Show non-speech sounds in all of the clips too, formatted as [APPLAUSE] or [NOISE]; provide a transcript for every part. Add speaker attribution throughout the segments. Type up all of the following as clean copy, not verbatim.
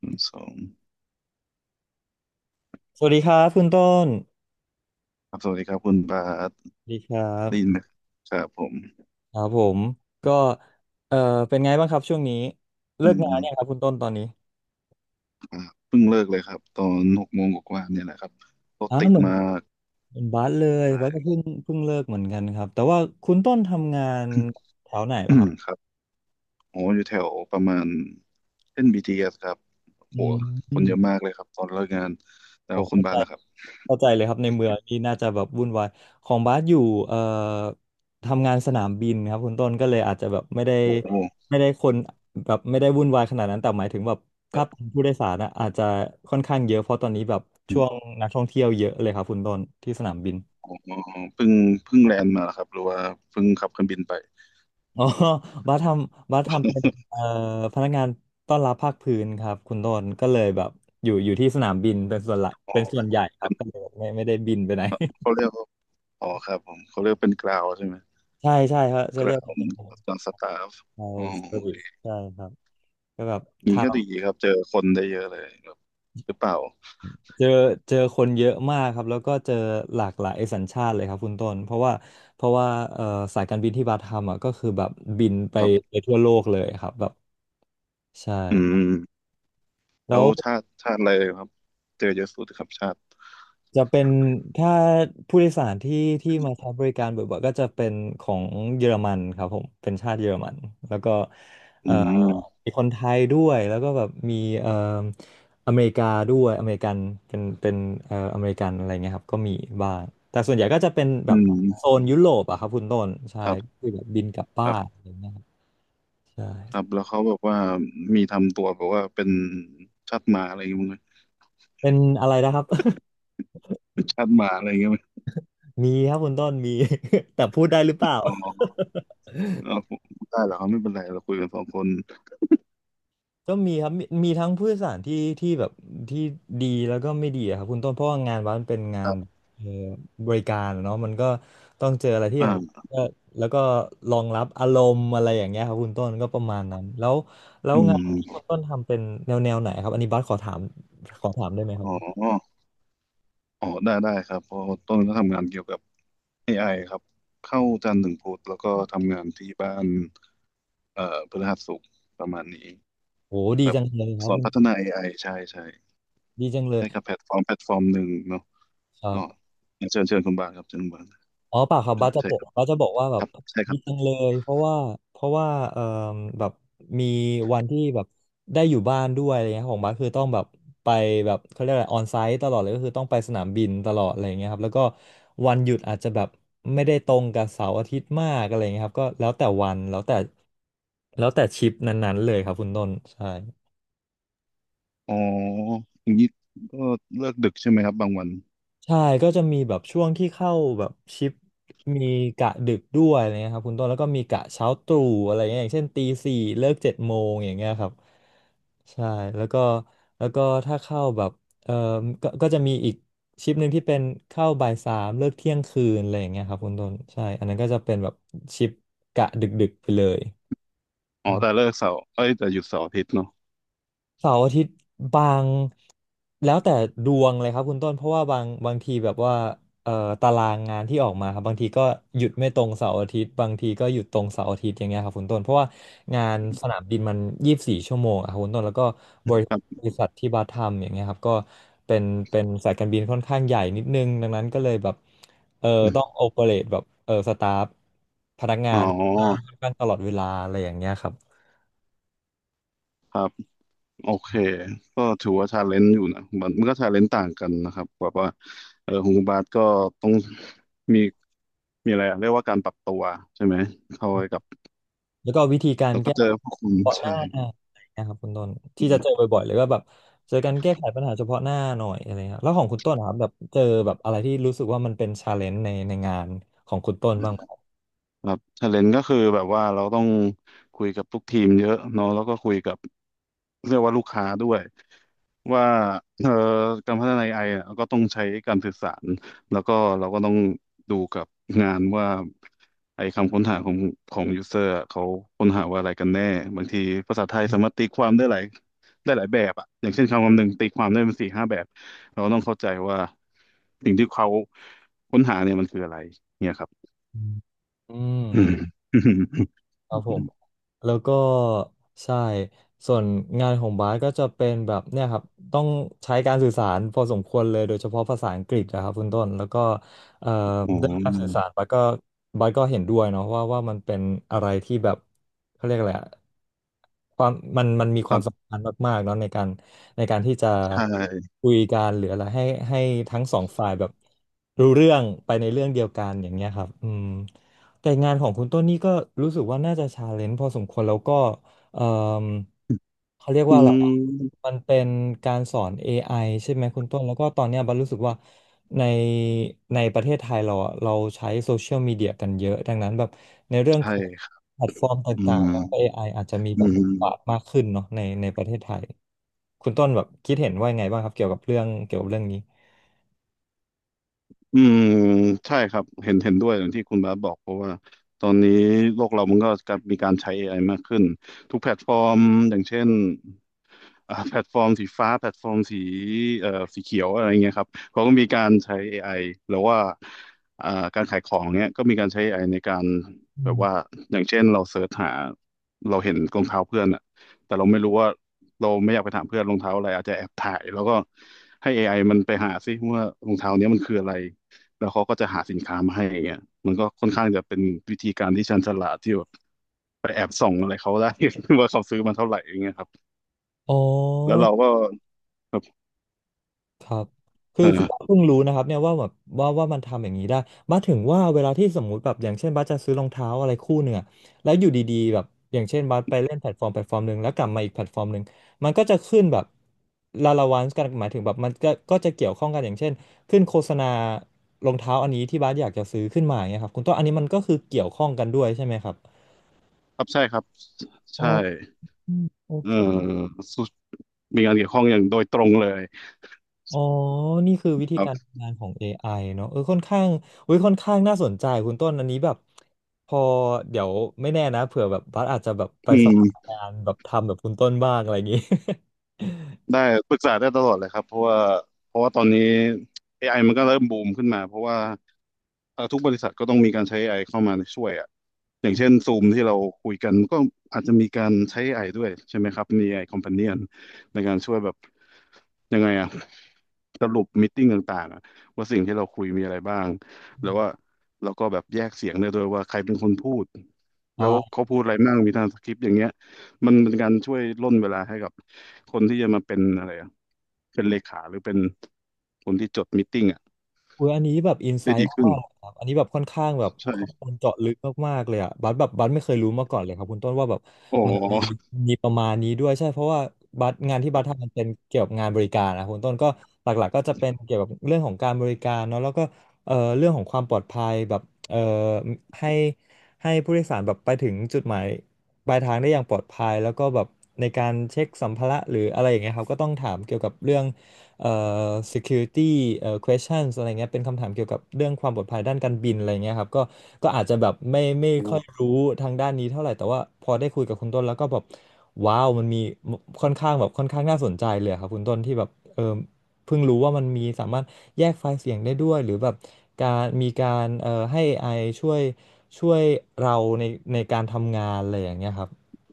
Speaker 1: หนึ่งสอง
Speaker 2: สวัสดีครับคุณต้น
Speaker 1: ครับสวัสดีครับคุณบาส
Speaker 2: สวัสดีครับ
Speaker 1: ได้ยินไหมครับผม
Speaker 2: ครับผมก็เออเป็นไงบ้างครับช่วงนี้
Speaker 1: อื
Speaker 2: เลิกงานเนี่ยงครับ
Speaker 1: ม
Speaker 2: คุณต้นตอนนี้
Speaker 1: ครับเพิ่งเลิกเลยครับตอนหกโมงกว่าๆเนี่ยแหละครับรถ
Speaker 2: อ๋อ
Speaker 1: ติด
Speaker 2: เหมือน
Speaker 1: มาก
Speaker 2: เหมือนบาสเลยบาสก็เพิ่งเลิกเหมือนกันครับแต่ว่าคุณต้นทำงานแถวไหน
Speaker 1: อื
Speaker 2: ล่ะค
Speaker 1: ม
Speaker 2: รับ
Speaker 1: ครับโหอยู่แถวประมาณเส้น BTS ครับ
Speaker 2: อื
Speaker 1: โหคนเย
Speaker 2: ม
Speaker 1: อะมากเลยครับตอนเลิกงานแล้
Speaker 2: โอ้
Speaker 1: วคุณ
Speaker 2: เข้า
Speaker 1: บา
Speaker 2: ใจ
Speaker 1: สนะครับ
Speaker 2: เข้าใจเลยครับในเมืองนี่น่าจะแบบวุ่นวายของบาสอยู่เอ่อทำงานสนามบินครับคุณต้นก็เลยอาจจะแบบไม่ได้
Speaker 1: โห
Speaker 2: ไม่ได้คนแบบไม่ได้วุ่นวายขนาดนั้นแต่หมายถึงแบบ
Speaker 1: ครั
Speaker 2: ถ้าเป็น
Speaker 1: บ
Speaker 2: ผู้โดยสารนะอาจจะค่อนข้างเยอะเพราะตอนนี้แบบช่วงนักท่องเที่ยวเยอะเลยครับคุณต้นที่สนามบิน
Speaker 1: อ๋อเพิ่งเพิ่งแลนด์มาเหรอครับหรือว่าเพิ่งขับเครื่องบินไป
Speaker 2: อ๋อบาสทำเป็นเอ่อพนักงานต้อนรับภาคพื้นครับคุณต้นก็เลยแบบอยู่อยู่ที่สนามบินเป็นส่วนหลัก
Speaker 1: [LAUGHS] อ๋
Speaker 2: เป็นส่
Speaker 1: อ
Speaker 2: วนใหญ่ครับก็เลยบไม่ได้บินไปไหน
Speaker 1: เขาเรียกว่าอ๋อครับผมเขาเรียกเป็นกราวใช่ไหม
Speaker 2: [LAUGHS] ใช่ใช่ครับจะ
Speaker 1: ก
Speaker 2: เรี
Speaker 1: รา
Speaker 2: ยก
Speaker 1: ว
Speaker 2: เป็น
Speaker 1: ตอนสตาฟ
Speaker 2: ไทย
Speaker 1: อ๋อ
Speaker 2: เซอร์วิสใช่ครับก็แบบ
Speaker 1: นี้ก็ดี
Speaker 2: ทำ
Speaker 1: ครับเจอคนได้เยอะเลยครับหรือเปล่า
Speaker 2: เจอเจอคนเยอะมากครับแล้วก็เจอหลากหลายสัญชาติเลยครับคุณต้นเพราะว่าเอ่อสายการบินที่บาทำอ่ะก็คือแบบบินไป
Speaker 1: ครับ
Speaker 2: ไปทั่วโลกเลยครับแบบใช่
Speaker 1: อืมแล้
Speaker 2: แล้ว
Speaker 1: วชาติอะไรครับเจอเยอะสุดครับชาติ
Speaker 2: จะเป็นถ้าผู้โดยสารที่ที่มาใช้บริการบ่อยๆก็จะเป็นของเยอรมันครับผมเป็นชาติเยอรมันแล้วก็เอ่
Speaker 1: อื
Speaker 2: อ
Speaker 1: ม
Speaker 2: มีคนไทยด้วยแล้วก็แบบมีเอ่ออเมริกาด้วยอเมริกันเป็นอเมริกันอะไรเงี้ยครับก็มีบ้างแต่ส่วนใหญ่ก็จะเป็นแบ
Speaker 1: อื
Speaker 2: บโซ
Speaker 1: ม
Speaker 2: นยุโรปอะครับคุณต้นใช่
Speaker 1: ครับ
Speaker 2: คือแบบบินกลับ
Speaker 1: ค
Speaker 2: บ้า
Speaker 1: รั
Speaker 2: น
Speaker 1: บ
Speaker 2: อะไรเงี้ยครับใช่
Speaker 1: ครับแล้วเขาแบบว่ามีทำตัวแบบว่าเป็นชาติหมาอะไรอย่างเงี้ยมั้งนะ
Speaker 2: เป็นอะไรนะครับ
Speaker 1: ชาติหมาอะไรอย่างเงี้ยมั้ย
Speaker 2: [LAUGHS] มีครับคุณต้นมี [LAUGHS] แต่พูดได้หรือเปล่า
Speaker 1: อ๋อเอาได้เหรอครับไม่เป็นไรเราคุยกันสองคน
Speaker 2: ก็มีครับมีทั้งผู้โดยสารที่แบบที่ดีแล้วก็ไม่ดีอะครับคุณต้นเพราะว่างานวัดมันเป็นงา
Speaker 1: ครั
Speaker 2: น
Speaker 1: บ
Speaker 2: เอ่อบริการอะเนาะมันก็ต้องเจออะไรที่
Speaker 1: อ่
Speaker 2: อยาก
Speaker 1: า
Speaker 2: ก็แล้วก็รองรับอารมณ์อะไรอย่างเงี้ยครับคุณต้นก็ประมาณนั้นแล้วแล้ว
Speaker 1: อื
Speaker 2: งานที่คุ
Speaker 1: ม
Speaker 2: ณต้นทำเป็นแนวแนวไหนครับอันนี้บัสขอถามได้ไหมครับ
Speaker 1: อ๋ออ๋อได้ครับเพราะต้นก็ทำงานเกี่ยวกับ AI ครับเข้าจันทร์ถึงพุธแล้วก็ทำงานที่บ้าน เอ่อพฤหัสศุกร์ประมาณนี้
Speaker 2: โอ้ดี
Speaker 1: แบบ
Speaker 2: จังเลยครั
Speaker 1: ส
Speaker 2: บ
Speaker 1: อน
Speaker 2: คุณ
Speaker 1: พัฒนา AI ใช่
Speaker 2: ดีจังเลย
Speaker 1: ให้กับแพลตฟอร์มหนึ่งเนาะ
Speaker 2: ครั
Speaker 1: อ๋อ
Speaker 2: บ
Speaker 1: เชิญคุณบาทครับเชิญคุณบาท
Speaker 2: อ๋อเปล่าครับ
Speaker 1: ครั
Speaker 2: บ้าส
Speaker 1: บ
Speaker 2: จะ
Speaker 1: ใช่
Speaker 2: บอ
Speaker 1: ค
Speaker 2: ก
Speaker 1: รับ
Speaker 2: บ้าสจะบอกว่าแบ
Speaker 1: ค
Speaker 2: บ
Speaker 1: รับใช่ค
Speaker 2: ดี
Speaker 1: รับ
Speaker 2: จังเลยเพราะว่าเอ่อแบบมีวันที่แบบได้อยู่บ้านด้วยอะไรเงี้ยของบ้าสคือต้องแบบไปแบบเขาเรียกอะไรออนไซต์ตลอดเลยก็คือต้องไปสนามบินตลอดอะไรเงี้ยครับแล้วก็วันหยุดอาจจะแบบไม่ได้ตรงกับเสาร์อาทิตย์มากอะไรเงี้ยครับก็แล้วแต่วันแล้วแต่ชิปนั้นๆเลยครับคุณต้นใช่
Speaker 1: อ๋ออย่างนี้ก็เลิกดึกใช่ไหมครับบางวัน
Speaker 2: ใช่ก็จะมีแบบช่วงที่เข้าแบบชิปมีกะดึกด้วยอะไรเงี้ยครับคุณต้นแล้วก็มีกะเช้าตรู่อะไรเงี้ยอย่างเช่นตีสี่เลิกเจ็ดโมงอย่างเงี้ยครับใช่แล้วก็แล้วก็ถ้าเข้าแบบเออก็ก็จะมีอีกชิปหนึ่งที่เป็นเข้าบ่ายสามเลิกเที่ยงคืนอะไรอย่างเงี้ยครับคุณต้นใช่อันนั้นก็จะเป็นแบบชิปกะดึกๆไปเลย
Speaker 1: อ๋อแต่เลิกเสาร์เอ้ยแต่หยุดเสาร์อาทิตย์เนาะ
Speaker 2: เสาร์อาทิตย์บางแล้วแต่ดวงเลยครับคุณต้นเพราะว่าบางทีแบบว่าเอ่อตารางงานที่ออกมาครับบางทีก็หยุดไม่ตรงเสาร์อาทิตย์บางทีก็หยุดตรงเสาร์อาทิตย์อย่างเงี้ยครับคุณต้นเพราะว่างานสนามบินมัน24 ชั่วโมงอะครับคุณต้นแล้วก็บริ
Speaker 1: ครับ
Speaker 2: บริษัทที่บาทำอย่างเงี้ยครับก็เป็นเป็นสายการบินค่อนข้างใหญ่นิดนึงดังนั้นก็เลยแบบเออ
Speaker 1: อื
Speaker 2: ต้อง
Speaker 1: ม
Speaker 2: โอเปเรตแบบสตาฟ
Speaker 1: อ๋
Speaker 2: งาน
Speaker 1: อ
Speaker 2: ค่อนข้างตลอดเวลาอะไรอย่างเงี้ยครับ
Speaker 1: โอเคก็ถือว่าชาเลนจ์อยู่นะมันก็ชาเลนจ์ต่างกันนะครับแบบว่าเออของคุณบาทก็ต้องมีมีอะไรอะเรียกว่าการปรับตัวใช่ไหมเข้าไปกับ
Speaker 2: แล้วก็วิธีการ
Speaker 1: แล้วก็
Speaker 2: แก้
Speaker 1: เจอ
Speaker 2: เ
Speaker 1: พวกคุณ
Speaker 2: ฉพาะห
Speaker 1: ใช่
Speaker 2: น้าอะไรนะครับคุณต้นที่จะ
Speaker 1: อื
Speaker 2: เจอบ่อยๆเลยก็แบบเจอการแก้ไขปัญหาเฉพาะหน้าหน่อยอะไรเงี้ยแล้วของคุณต้นนะครับแบบเจอแบบอะไรที่รู้สึกว่ามันเป็นชาเลนจ์ในงานของคุณต้นบ้างไหม
Speaker 1: ครับชาเลนก็คือแบบว่าเราต้องคุยกับทุกทีมเยอะเนาะแล้วก็คุยกับเรียกว่าลูกค้าด้วยว่าเอ่อการพัฒนา AI อไออะก็ต้องใช้การสื่อสารแล้วก็เราก็ต้องดูกับงานว่าไอ้คำค้นหาของยูเซอร์เขาค้นหาว่าอะไรกันแน่บางทีภาษาไทยสามารถตีความได้หลายได้หลายแบบอะอย่างเช่นคำคำหนึ่งตีความได้เป็นสี่ห้าแบบเราก็ต้องเข้าใจว่าสิ่งที่เขาค้นหาเนี่ยมันคืออะไรเนี่ยครับ
Speaker 2: อื
Speaker 1: อื
Speaker 2: ม
Speaker 1: ม
Speaker 2: ครั
Speaker 1: อื
Speaker 2: บผม
Speaker 1: ม
Speaker 2: แล้วก็ใช่ส่วนงานของบาสก็จะเป็นแบบเนี่ยครับต้องใช้การสื่อสารพอสมควรเลยโดยเฉพาะภาษาอังกฤษนะครับคุณต้นแล้วก็เอ่อ
Speaker 1: ๋
Speaker 2: เรื่องการสื่อ
Speaker 1: อ
Speaker 2: สารบาสก็บาสก็เห็นด้วยเนาะว่ามันเป็นอะไรที่แบบเขาเรียกอะไรอะความมันมีค
Speaker 1: ค
Speaker 2: วา
Speaker 1: รั
Speaker 2: ม
Speaker 1: บ
Speaker 2: สำคัญมากๆเนาะในการในการที่จะ
Speaker 1: ใช่
Speaker 2: คุยกันหรืออะไรให้ให้ทั้งสองฝ่ายแบบรู้เรื่องไปในเรื่องเดียวกันอย่างเงี้ยครับอืม แต่งานของคุณต้นนี่ก็รู้สึกว่าน่าจะชาเลนจ์พอสมควรแล้วก็เอ่มเขาเรียก
Speaker 1: อื
Speaker 2: ว่าอะไรอะ
Speaker 1: ม
Speaker 2: มันเป็นการสอน AI ใช่ไหมคุณต้นแล้วก็ตอนเนี้ยบันรู้สึกว่าในประเทศไทยเราอะเราใช้โซเชียลมีเดียกันเยอะดังนั้นแบบในเรื่องข
Speaker 1: ใช่
Speaker 2: อง
Speaker 1: ครับ
Speaker 2: แพลตฟอร์มต
Speaker 1: อื
Speaker 2: ่าง
Speaker 1: ม
Speaker 2: ๆแล้วก็ AI อไออาจจะมี
Speaker 1: อื
Speaker 2: แบบบทบาท
Speaker 1: ม
Speaker 2: มากขึ้นเนาะในประเทศไทยคุณต้นแบบคิดเห็นว่ายังไงบ้างครับเกี่ยวกับเรื่องนี้
Speaker 1: อืมใช่ครับเห็นด้วยอย่างที่คุณบาสบอกเพราะว่าตอนนี้โลกเรามันก็กลับมีการใช้เอไอมากขึ้นทุกแพลตฟอร์มอย่างเช่นอ่าแพลตฟอร์มสีฟ้าแพลตฟอร์มสีเอ่อสีเขียวอะไรเงี้ยครับเขาก็มีการใช้ AI หรือว่าอ่าการขายของเนี้ยก็มีการใช้ AI ในการ
Speaker 2: อื
Speaker 1: แบบ
Speaker 2: ม
Speaker 1: ว่าอย่างเช่นเราเสิร์ชหาเราเห็นรองเท้าเพื่อนอะแต่เราไม่รู้ว่าเราไม่อยากไปถามเพื่อนรองเท้าอะไรอาจจะแอบถ่ายแล้วก็ให้ AI มันไปหาซิว่ารองเท้าเนี้ยมันคืออะไร แล้วเขาก็จะหาสินค้ามาให้อย่างเงี้ยมันก็ค่อนข้างจะเป็นวิธีการที่ชันฉลาดที่แบบไปแอบส่องอะไรเขาได้ [LAUGHS] ว่าเขาซื้อมาเท่าไหร่อย่างเงี้ยครับ
Speaker 2: อ๋อ
Speaker 1: แล้วเราก็ครับ
Speaker 2: ครับคือ
Speaker 1: เอ
Speaker 2: คือ
Speaker 1: อ
Speaker 2: บ้าเพิ่งรู้นะครับเนี่ยว่าแบบว่ามันทำอย่างนี้ได้บ้าถึงว่าเวลาที่สมมุติแบบอย่างเช่นบ้าจะซื้อรองเท้าอะไรคู่หนึ่งอะแล้วอยู่ดีๆแบบอย่างเช่นบ้าไปเล่นแพลตฟอร์มหนึ่งแล้วกลับมาอีกแพลตฟอร์มหนึ่งมันก็จะขึ้นแบบลาลาวันส์กันหมายถึงแบบมันก็จะเกี่ยวข้องกันอย่างเช่นขึ้นโฆษณารองเท้าอันนี้ที่บ้าอยากจะซื้อขึ้นมาอย่างเงี้ยครับคุณต้นอันนี้มันก็คือเกี่ยวข้องกันด้วยใช่ไหมครับ
Speaker 1: ครับใช่ครับ
Speaker 2: อ๋อ
Speaker 1: ใช่
Speaker 2: โอ
Speaker 1: เออ
Speaker 2: เค
Speaker 1: สุมีงานเกี่ยวข้องอย่างโดยตรงเลย
Speaker 2: อ๋อ นี่คือวิธี
Speaker 1: ครั
Speaker 2: การ
Speaker 1: บ
Speaker 2: ทำงานของ AI เนอะเออค่อนข้างอุ้ยค่อนข้างน่าสนใจคุณต้นอันนี้แบบพอเดี๋ยวไม่แน่นะเผื่อแบบบัสอาจจะแบบไป
Speaker 1: อื
Speaker 2: สมัคร
Speaker 1: ม
Speaker 2: งานแบบทำแบบคุณต้นบ้างอะไรอย่างงี้
Speaker 1: ได้ปรึกษาได้ตลอดเลยครับเพราะว่าตอนนี้ AI มันก็เริ่มบูมขึ้นมาเพราะว่าทุกบริษัทก็ต้องมีการใช้ AI เข้ามาช่วยอ่ะอย่างเช่น
Speaker 2: [LAUGHS] อ
Speaker 1: ซูมที่เราคุยกันก็อาจจะมีการใช้ AI ด้วยใช่ไหมครับมี AI Companion ในการช่วยแบบยังไงอ่ะสรุปมีตติ้งต่างๆอะว่าสิ่งที่เราคุยมีอะไรบ้าง
Speaker 2: ื
Speaker 1: แล้ว
Speaker 2: ม
Speaker 1: ว่าเราก็แบบแยกเสียงได้ด้วยว่าใครเป็นคนพูดแล้ว
Speaker 2: อ่า
Speaker 1: เขาพูดอะไรบ้างมีทรางสคริปต์อย่างเงี้ย มันเป็นการช่วยร่นเวลาให้กับคนที่จะมาเป็นอะไรอะเป็นเลขาหรือเป็นคนที่จดมีตติ้งอ่ะ
Speaker 2: อุ้ยอันนี้แบบอินไซ
Speaker 1: ได้ดี
Speaker 2: ต์
Speaker 1: ขึ้น
Speaker 2: มากๆเลยครับอันนี้แบบค่อนข้างแบบข้อ
Speaker 1: ใช่
Speaker 2: มูลเจาะลึกมากๆเลยอ่ะบัสแบบบัสไม่เคยรู้มาก่อนเลยครับคุณต้นว่าแบบ
Speaker 1: อ๋อ
Speaker 2: มีประมาณนี้ด้วยใช่เพราะว่าบัตรงานที่
Speaker 1: ค
Speaker 2: บัต
Speaker 1: รับ
Speaker 2: ทำมันเป็นเกี่ยวกับงานบริการนะคุณต้นก็หลักๆก็จะเป็นเกี่ยวกับเรื่องของการบริการเนาะแล้วก็เรื่องของความปลอดภัยแบบเอ่อให้ให้ผู้โดยสารแบบไปถึงจุดหมายปลายทางได้อย่างปลอดภัยแล้วก็แบบในการเช็คสัมภาระหรืออะไรอย่างเงี้ยครับก็ต้องถามเกี่ยวกับเรื่อง เอ่อ security questions อะไรเงี้ยเป็นคำถามเกี่ยวกับเรื่องความปลอดภัยด้านการบินอะไรเงี้ยครับก็อาจจะแบบไม่ค่อยรู้ทางด้านนี้เท่าไหร่ แต่ว่าพอได้คุยกับคุณต้นแล้วก็แบบว้าวมันมีค่อนข้างแบบค่อนข้างน่าสนใจเลยครับคุณต้นที่แบบเออเพิ่งรู้ว่ามันมีสามารถแยกไฟล์เสียงได้ด้วยหรือแบบการมีการให้เอไ i ช่วยช่วยเราในการทำงานอะไรอย่างเงี้ยครับ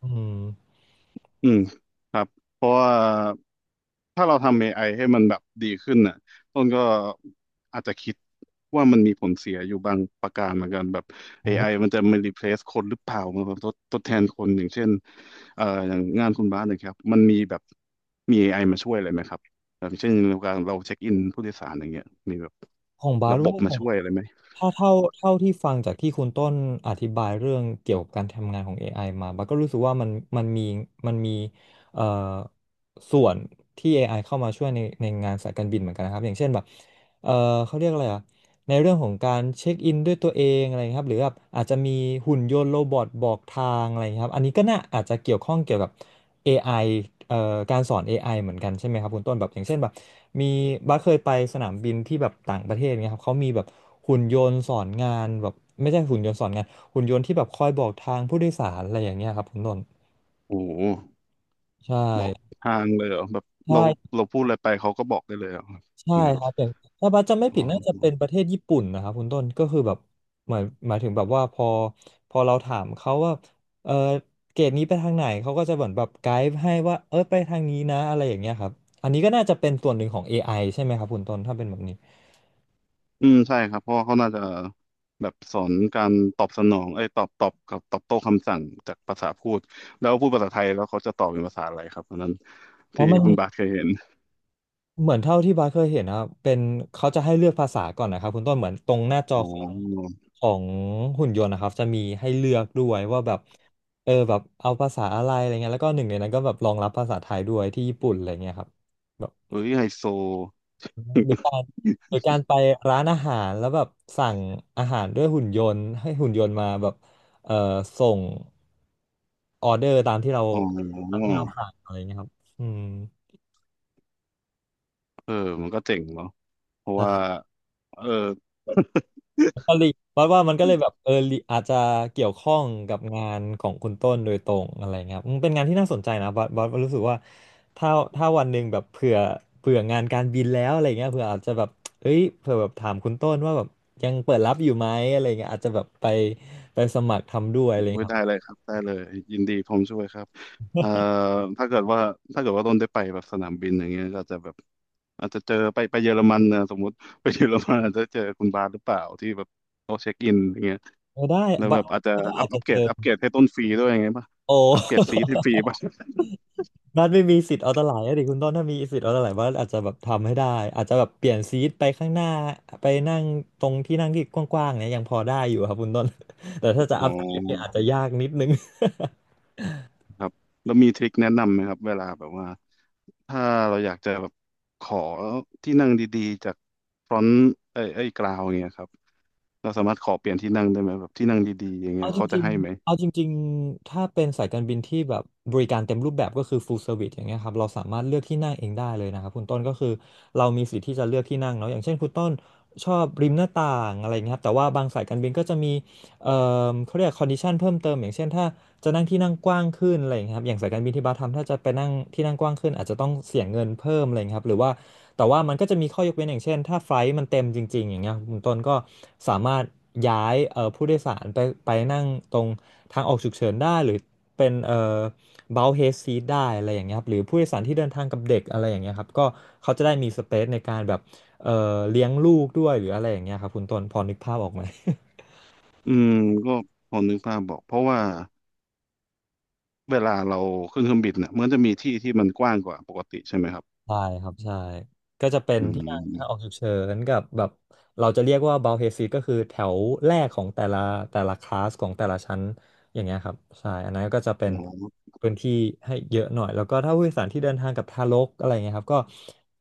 Speaker 2: อืม
Speaker 1: อืมครับเพราะว่าถ้าเราทำ AI ให้มันแบบดีขึ้นน่ะต้นก็อาจจะคิดว่ามันมีผลเสียอยู่บางประการเหมือนกันแบบ
Speaker 2: โอ้
Speaker 1: AI มันจะมา replace คนหรือเปล่ามันแบบทดแทนคนอย่างเช่นอย่างงานคุณบาสเนะครับมันมีแบบมี AI มาช่วยอะไรไหมครับอย่างเช่นในการเราเช็คอินผู้โดยสารอย่างเงี้ยมีแบบ
Speaker 2: ของบา
Speaker 1: ระบ
Speaker 2: โรุ
Speaker 1: บมา
Speaker 2: ผม
Speaker 1: ช่วยอะไรไหม
Speaker 2: ถ้าเท่าที่ฟังจากที่คุณต้นอธิบายเรื่องเกี่ยวกับการทำงานของ AI มาบาก็รู้สึกว่ามันมันมีมันมีเอ่อส่วนที่ AI เข้ามาช่วยในงานสายการบินเหมือนกันนะครับอย่างเช่นแบบ เอ่อเขาเรียกอะไรอ่ะในเรื่องของการเช็คอินด้วยตัวเองอะไรครับหรือแบบอาจจะมีหุ่นยนต์โรบอทบอกทางอะไรครับอันนี้ก็น่าอาจจะเกี่ยวข้องเกี่ยวกับเอไอเอ่อการสอนเอไอเหมือนกันใช่ไหมครับคุณต้นแบบอย่างเช่นแบบมีบัสเคยไปสนามบินที่แบบต่างประเทศเนี่ยครับเขามีแบบหุ่นยนต์สอนงานแบบไม่ใช่หุ่นยนต์สอนงานหุ่นยนต์ที่แบบคอยบอกทางผู้โดยสารอะไรอย่างเงี้ยครับคุณต้น
Speaker 1: โอ้โห
Speaker 2: ใช่
Speaker 1: บอกทางเลยเหรอแบบเรา
Speaker 2: ใช่
Speaker 1: เราพูดอะไรไปเขาก็บอกได้เลยเหรอ
Speaker 2: ใช่
Speaker 1: อย่างเงี้
Speaker 2: ครั
Speaker 1: ย
Speaker 2: บอย่างถ้าบัสจำไม่
Speaker 1: อ๋
Speaker 2: ผิด
Speaker 1: อ
Speaker 2: น่าจะเป็นประเทศญี่ปุ่นนะครับคุณต้นก็คือแบบหมายหมายถึงแบบว่าพอพอเราถามเขาว่าเออเกรดนี้ไปทางไหนเขาก็จะเหมือนแบบไกด์ให้ว่าเออไปทางนี้นะอะไรอย่างเงี้ยครับอันนี้ก็น่าจะเป็นส่วนหนึ่งของ AI ใช่ไหมครับคุณต้นถ้าเป็นแบบนี้
Speaker 1: อืมใช่ครับเพราะว่าเขาน่าจะแบบสอนการตอบสนองเอ้ยตอบตอบกับตอบโต้คำสั่งจากภาษาพูดแล้วพูดภาษาไทยแล้วเขาจะตอบเป็นภาษาอะไรครับตอนนั้น
Speaker 2: เพ
Speaker 1: ที่
Speaker 2: ราะมัน
Speaker 1: คุณบาทเคยเห็น
Speaker 2: เหมือนเท่าที่บาสเคยเห็นนะครับเป็นเขาจะให้เลือกภาษาก่อนนะครับคุณต้นเหมือนตรงหน้าจอ
Speaker 1: อ๋
Speaker 2: ของ
Speaker 1: อ
Speaker 2: ของหุ่นยนต์นะครับจะมีให้เลือกด้วยว่าแบบเอาภาษาอะไรอะไรเงี้ยแล้วก็หนึ่งในนั้นก็แบบรองรับภาษาไทยด้วยที่ญี่ปุ่นอะไรเงี้ยครับแบบ
Speaker 1: เฮ้ยไฮโซ
Speaker 2: หรือการหรือการไปร้านอาหารแล้วแบบสั่งอาหารด้วยหุ่นยนต์ให้หุ่นยนต์มาแบบเออส่งออเดอร์ตามที่เรา
Speaker 1: อ๋
Speaker 2: ตาม
Speaker 1: อ
Speaker 2: ที่เราสั่งอะไรเงี้ยครับอืม
Speaker 1: เออมันก็เจ๋งเนาะเพราะว่าเออ [LAUGHS]
Speaker 2: ก็เลยว่ามันก็เลยแบบอาจจะเกี่ยวข้องกับงานของคุณต้นโดยตรงอะไรเงี้ยครับมันเป็นงานที่น่าสนใจนะบอสรู้สึกว่าถ้าถ้าวันหนึ่งแบบเผื่องานการบินแล้วอะไรเงี้ยเผื่ออาจจะแบบเอ้ยเผื่อแบบถามคุณต้นว่าแบบยังเปิดรับอยู่ไหมอะไรเงี้ยอาจจะแบบไป
Speaker 1: อุ้ยได้เลยครับได้เลยยินดีผมช่วยครับเอ่อถ้าเกิดว่าถ้าเกิดว่าต้นได้ไปแบบสนามบินอย่างเงี้ยก็จะแบบอาจจะเจอไปเยอรมันนะสมมุติไปเยอรมันอาจจะเจอคุณบาสหรือเปล่าที่แบบเขาเช็คอินอย่างเงี้ย
Speaker 2: เออได้
Speaker 1: แล้ว
Speaker 2: บอ
Speaker 1: แบ
Speaker 2: ส
Speaker 1: บอาจจะ
Speaker 2: ก็
Speaker 1: อั
Speaker 2: อา
Speaker 1: พ
Speaker 2: จ
Speaker 1: อั
Speaker 2: จะ
Speaker 1: ป
Speaker 2: เจ
Speaker 1: เกร
Speaker 2: อ
Speaker 1: ดอัปเกรดให้ต้นฟรีด้วยอย่างเงี้ยป่ะ
Speaker 2: โอ
Speaker 1: อัปเกรดฟรีที่ฟรีป่ะ [LAUGHS]
Speaker 2: บ้านไม่มีสิทธิ์เอาตะไหลอะดิคุณต้นถ้ามีสิทธิ์เอาตะไหลบ้านอาจจะแบบทำให้ได้อาจจะแบบเปลี่ยนซีทไปข้างหน้าไปนั่งตรงที่นั่งที่กว้างๆเนี่ยยังพอได้อยู่ครับคุณต้น [LAUGHS] แต่ถ้าจะ
Speaker 1: อ๋
Speaker 2: อั
Speaker 1: อ
Speaker 2: พเกรดเนี่ยอาจจะยากนิดนึง
Speaker 1: ครับแล้วมีทริคแนะนำไหมครับเวลาแบบว่า ถ้าเราอยากจะแบบขอที่นั่งดีๆจากฟรอนต์ไอ้กราวอย่างเงี้ยครับเราสามารถขอเปลี่ยนที่นั่งได้ไหมแบบที่นั่งดีๆอย่างเงี้
Speaker 2: เอา
Speaker 1: ย
Speaker 2: จ
Speaker 1: เขาจะ
Speaker 2: ริง
Speaker 1: ให้ไหม
Speaker 2: ๆเอาจริงๆถ้าเป็นสายการบินที่แบบบริการเต็มรูปแบบก็คือ full service อย่างเงี้ยครับเราสามารถเลือกที่นั่งเองได้เลยนะครับคุณต้นก็คือเรามีสิทธิ์ที่จะเลือกที่นั่งเนาะอย่างเช่นคุณต้นชอบริมหน้าต่างอะไรเงี้ยครับแต่ว่าบางสายการบินก็จะมีเอ่เขาเรียก condition เพิ่มเติมอย่างเช่นถ้าจะนั่งที่นั่งกว้างขึ้นอะไรเงี้ยครับอย่างสายการบินที่บัสทำถ้าจะไปนั่งที่นั่งกว้างขึ้นอาจจะต้องเสียเงินเพิ่มอะไรเงี้ยครับหรือว่า แต่ว่ามันก็จะมีข้อยกเว้นอย่างเช่นถ้าไฟลท์มันเต็มจริงๆอย่างเงี้ยคุณต้นก็สามารถย้ายผู้โดยสารไปนั่งตรงทางออกฉุกเฉินได้หรือเป็นเบลเฮดซีทได้อะไรอย่างเงี้ยครับหรือผู้โดยสารที่เดินทางกับเด็กอะไรอย่างเงี้ยครับก็เขาจะได้มีสเปซในการแบบเลี้ยงลูกด้วยหรืออะไรอย่างเงี้ยครับคุณต้นพอนึกภาพออกไหม
Speaker 1: อืมก็พอนึกภาพบอกเพราะว่าเวลาเราขึ้นเครื่องบินเนี่ยมันจะมีที่ที่มันกว้างกว่าปกติใช่ไหมครับ
Speaker 2: ใช่ครับใช่ก็จะเป็น
Speaker 1: อื
Speaker 2: ที่นั่งทางออก
Speaker 1: ม
Speaker 2: ฉุกเฉินกับแบบเราจะเรียกว่าบา l เฮซีก็คือแถวแรกของแต่ละแต่ละคลาสของแต่ละชั้นอย่างเงี้ยครับใช่อันนั้นก็จะเป็น
Speaker 1: อ๋อ
Speaker 2: พื้นที่ให้เยอะหน่อยแล้วก็ถ้าผู้โดยสารที่เดินทางกับทารกอะไรเงี้ยครับก็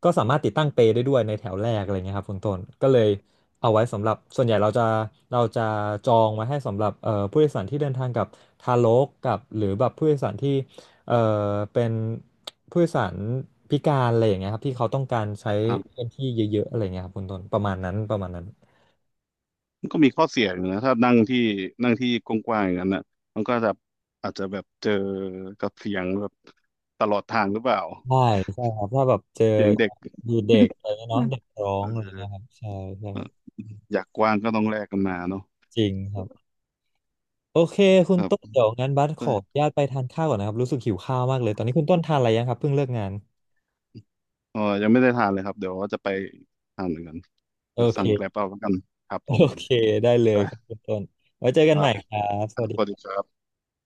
Speaker 2: ก็สามารถติดตั้งเปลได้ด้วยในแถวแรกอะไรเงี้ยครับคุณต้นก็เลยเอาไว้สำหรับส่วนใหญ่เราจะจองไว้ให้สำหรับผู้โดยสารที่เดินทางกับทารกกับหรือแบบผู้โดยสารที่เอ่อเป็น ผู้โดยสารพิการอะไรอย่างเงี้ยครับที่เขาต้องการใช้
Speaker 1: ครับ
Speaker 2: พื้นที่เยอะๆอะไรเงี้ยครับคุณต้นประมาณนั้นประมาณนั้น
Speaker 1: มันก็มีข้อเสียอยู่นะถ้านั่งที่นั่งที่กว้างๆอย่างนั้นนะมันก็จะอาจจะแบบเจอกับเสียงแบบตลอดทางหรือเปล่า
Speaker 2: ใช่ใช่ครับถ้าแบบเจอ
Speaker 1: เสียงเด็ก
Speaker 2: ดูเด็กอะไรเงี้ยเนาะ
Speaker 1: นะ
Speaker 2: เด็กร้อ
Speaker 1: เอ
Speaker 2: งอะไร
Speaker 1: อ
Speaker 2: เงี้ยครับใช่ใช่ครับ
Speaker 1: อยากกว้างก็ต้องแลกกันมาเนาะ
Speaker 2: จริงครับโอเคคุณ
Speaker 1: ครั
Speaker 2: ต้น
Speaker 1: บ
Speaker 2: เดี๋ยวงั้นบัสขออนุญาตไปทานข้าวก่อนนะครับรู้สึกหิวข้าวมากเลยตอนนี้คุณต้นทานอะไรยังครับเพิ่งเลิกงาน
Speaker 1: เออยังไม่ได้ทานเลยครับเดี๋ยวว่าจะไปทานเหมือนกัน
Speaker 2: โอ
Speaker 1: เดี๋ยวสั่งแกร็บ
Speaker 2: เค
Speaker 1: เอาแล้วกันครับ
Speaker 2: โอ
Speaker 1: ผม
Speaker 2: เคได้เล
Speaker 1: ค
Speaker 2: ย
Speaker 1: รั
Speaker 2: ครับ
Speaker 1: บ
Speaker 2: คุณต้นไว้เจอกั
Speaker 1: ค
Speaker 2: น
Speaker 1: รั
Speaker 2: ใหม่
Speaker 1: บ
Speaker 2: ครับสวัส
Speaker 1: สวัสดีค
Speaker 2: ดี
Speaker 1: รับ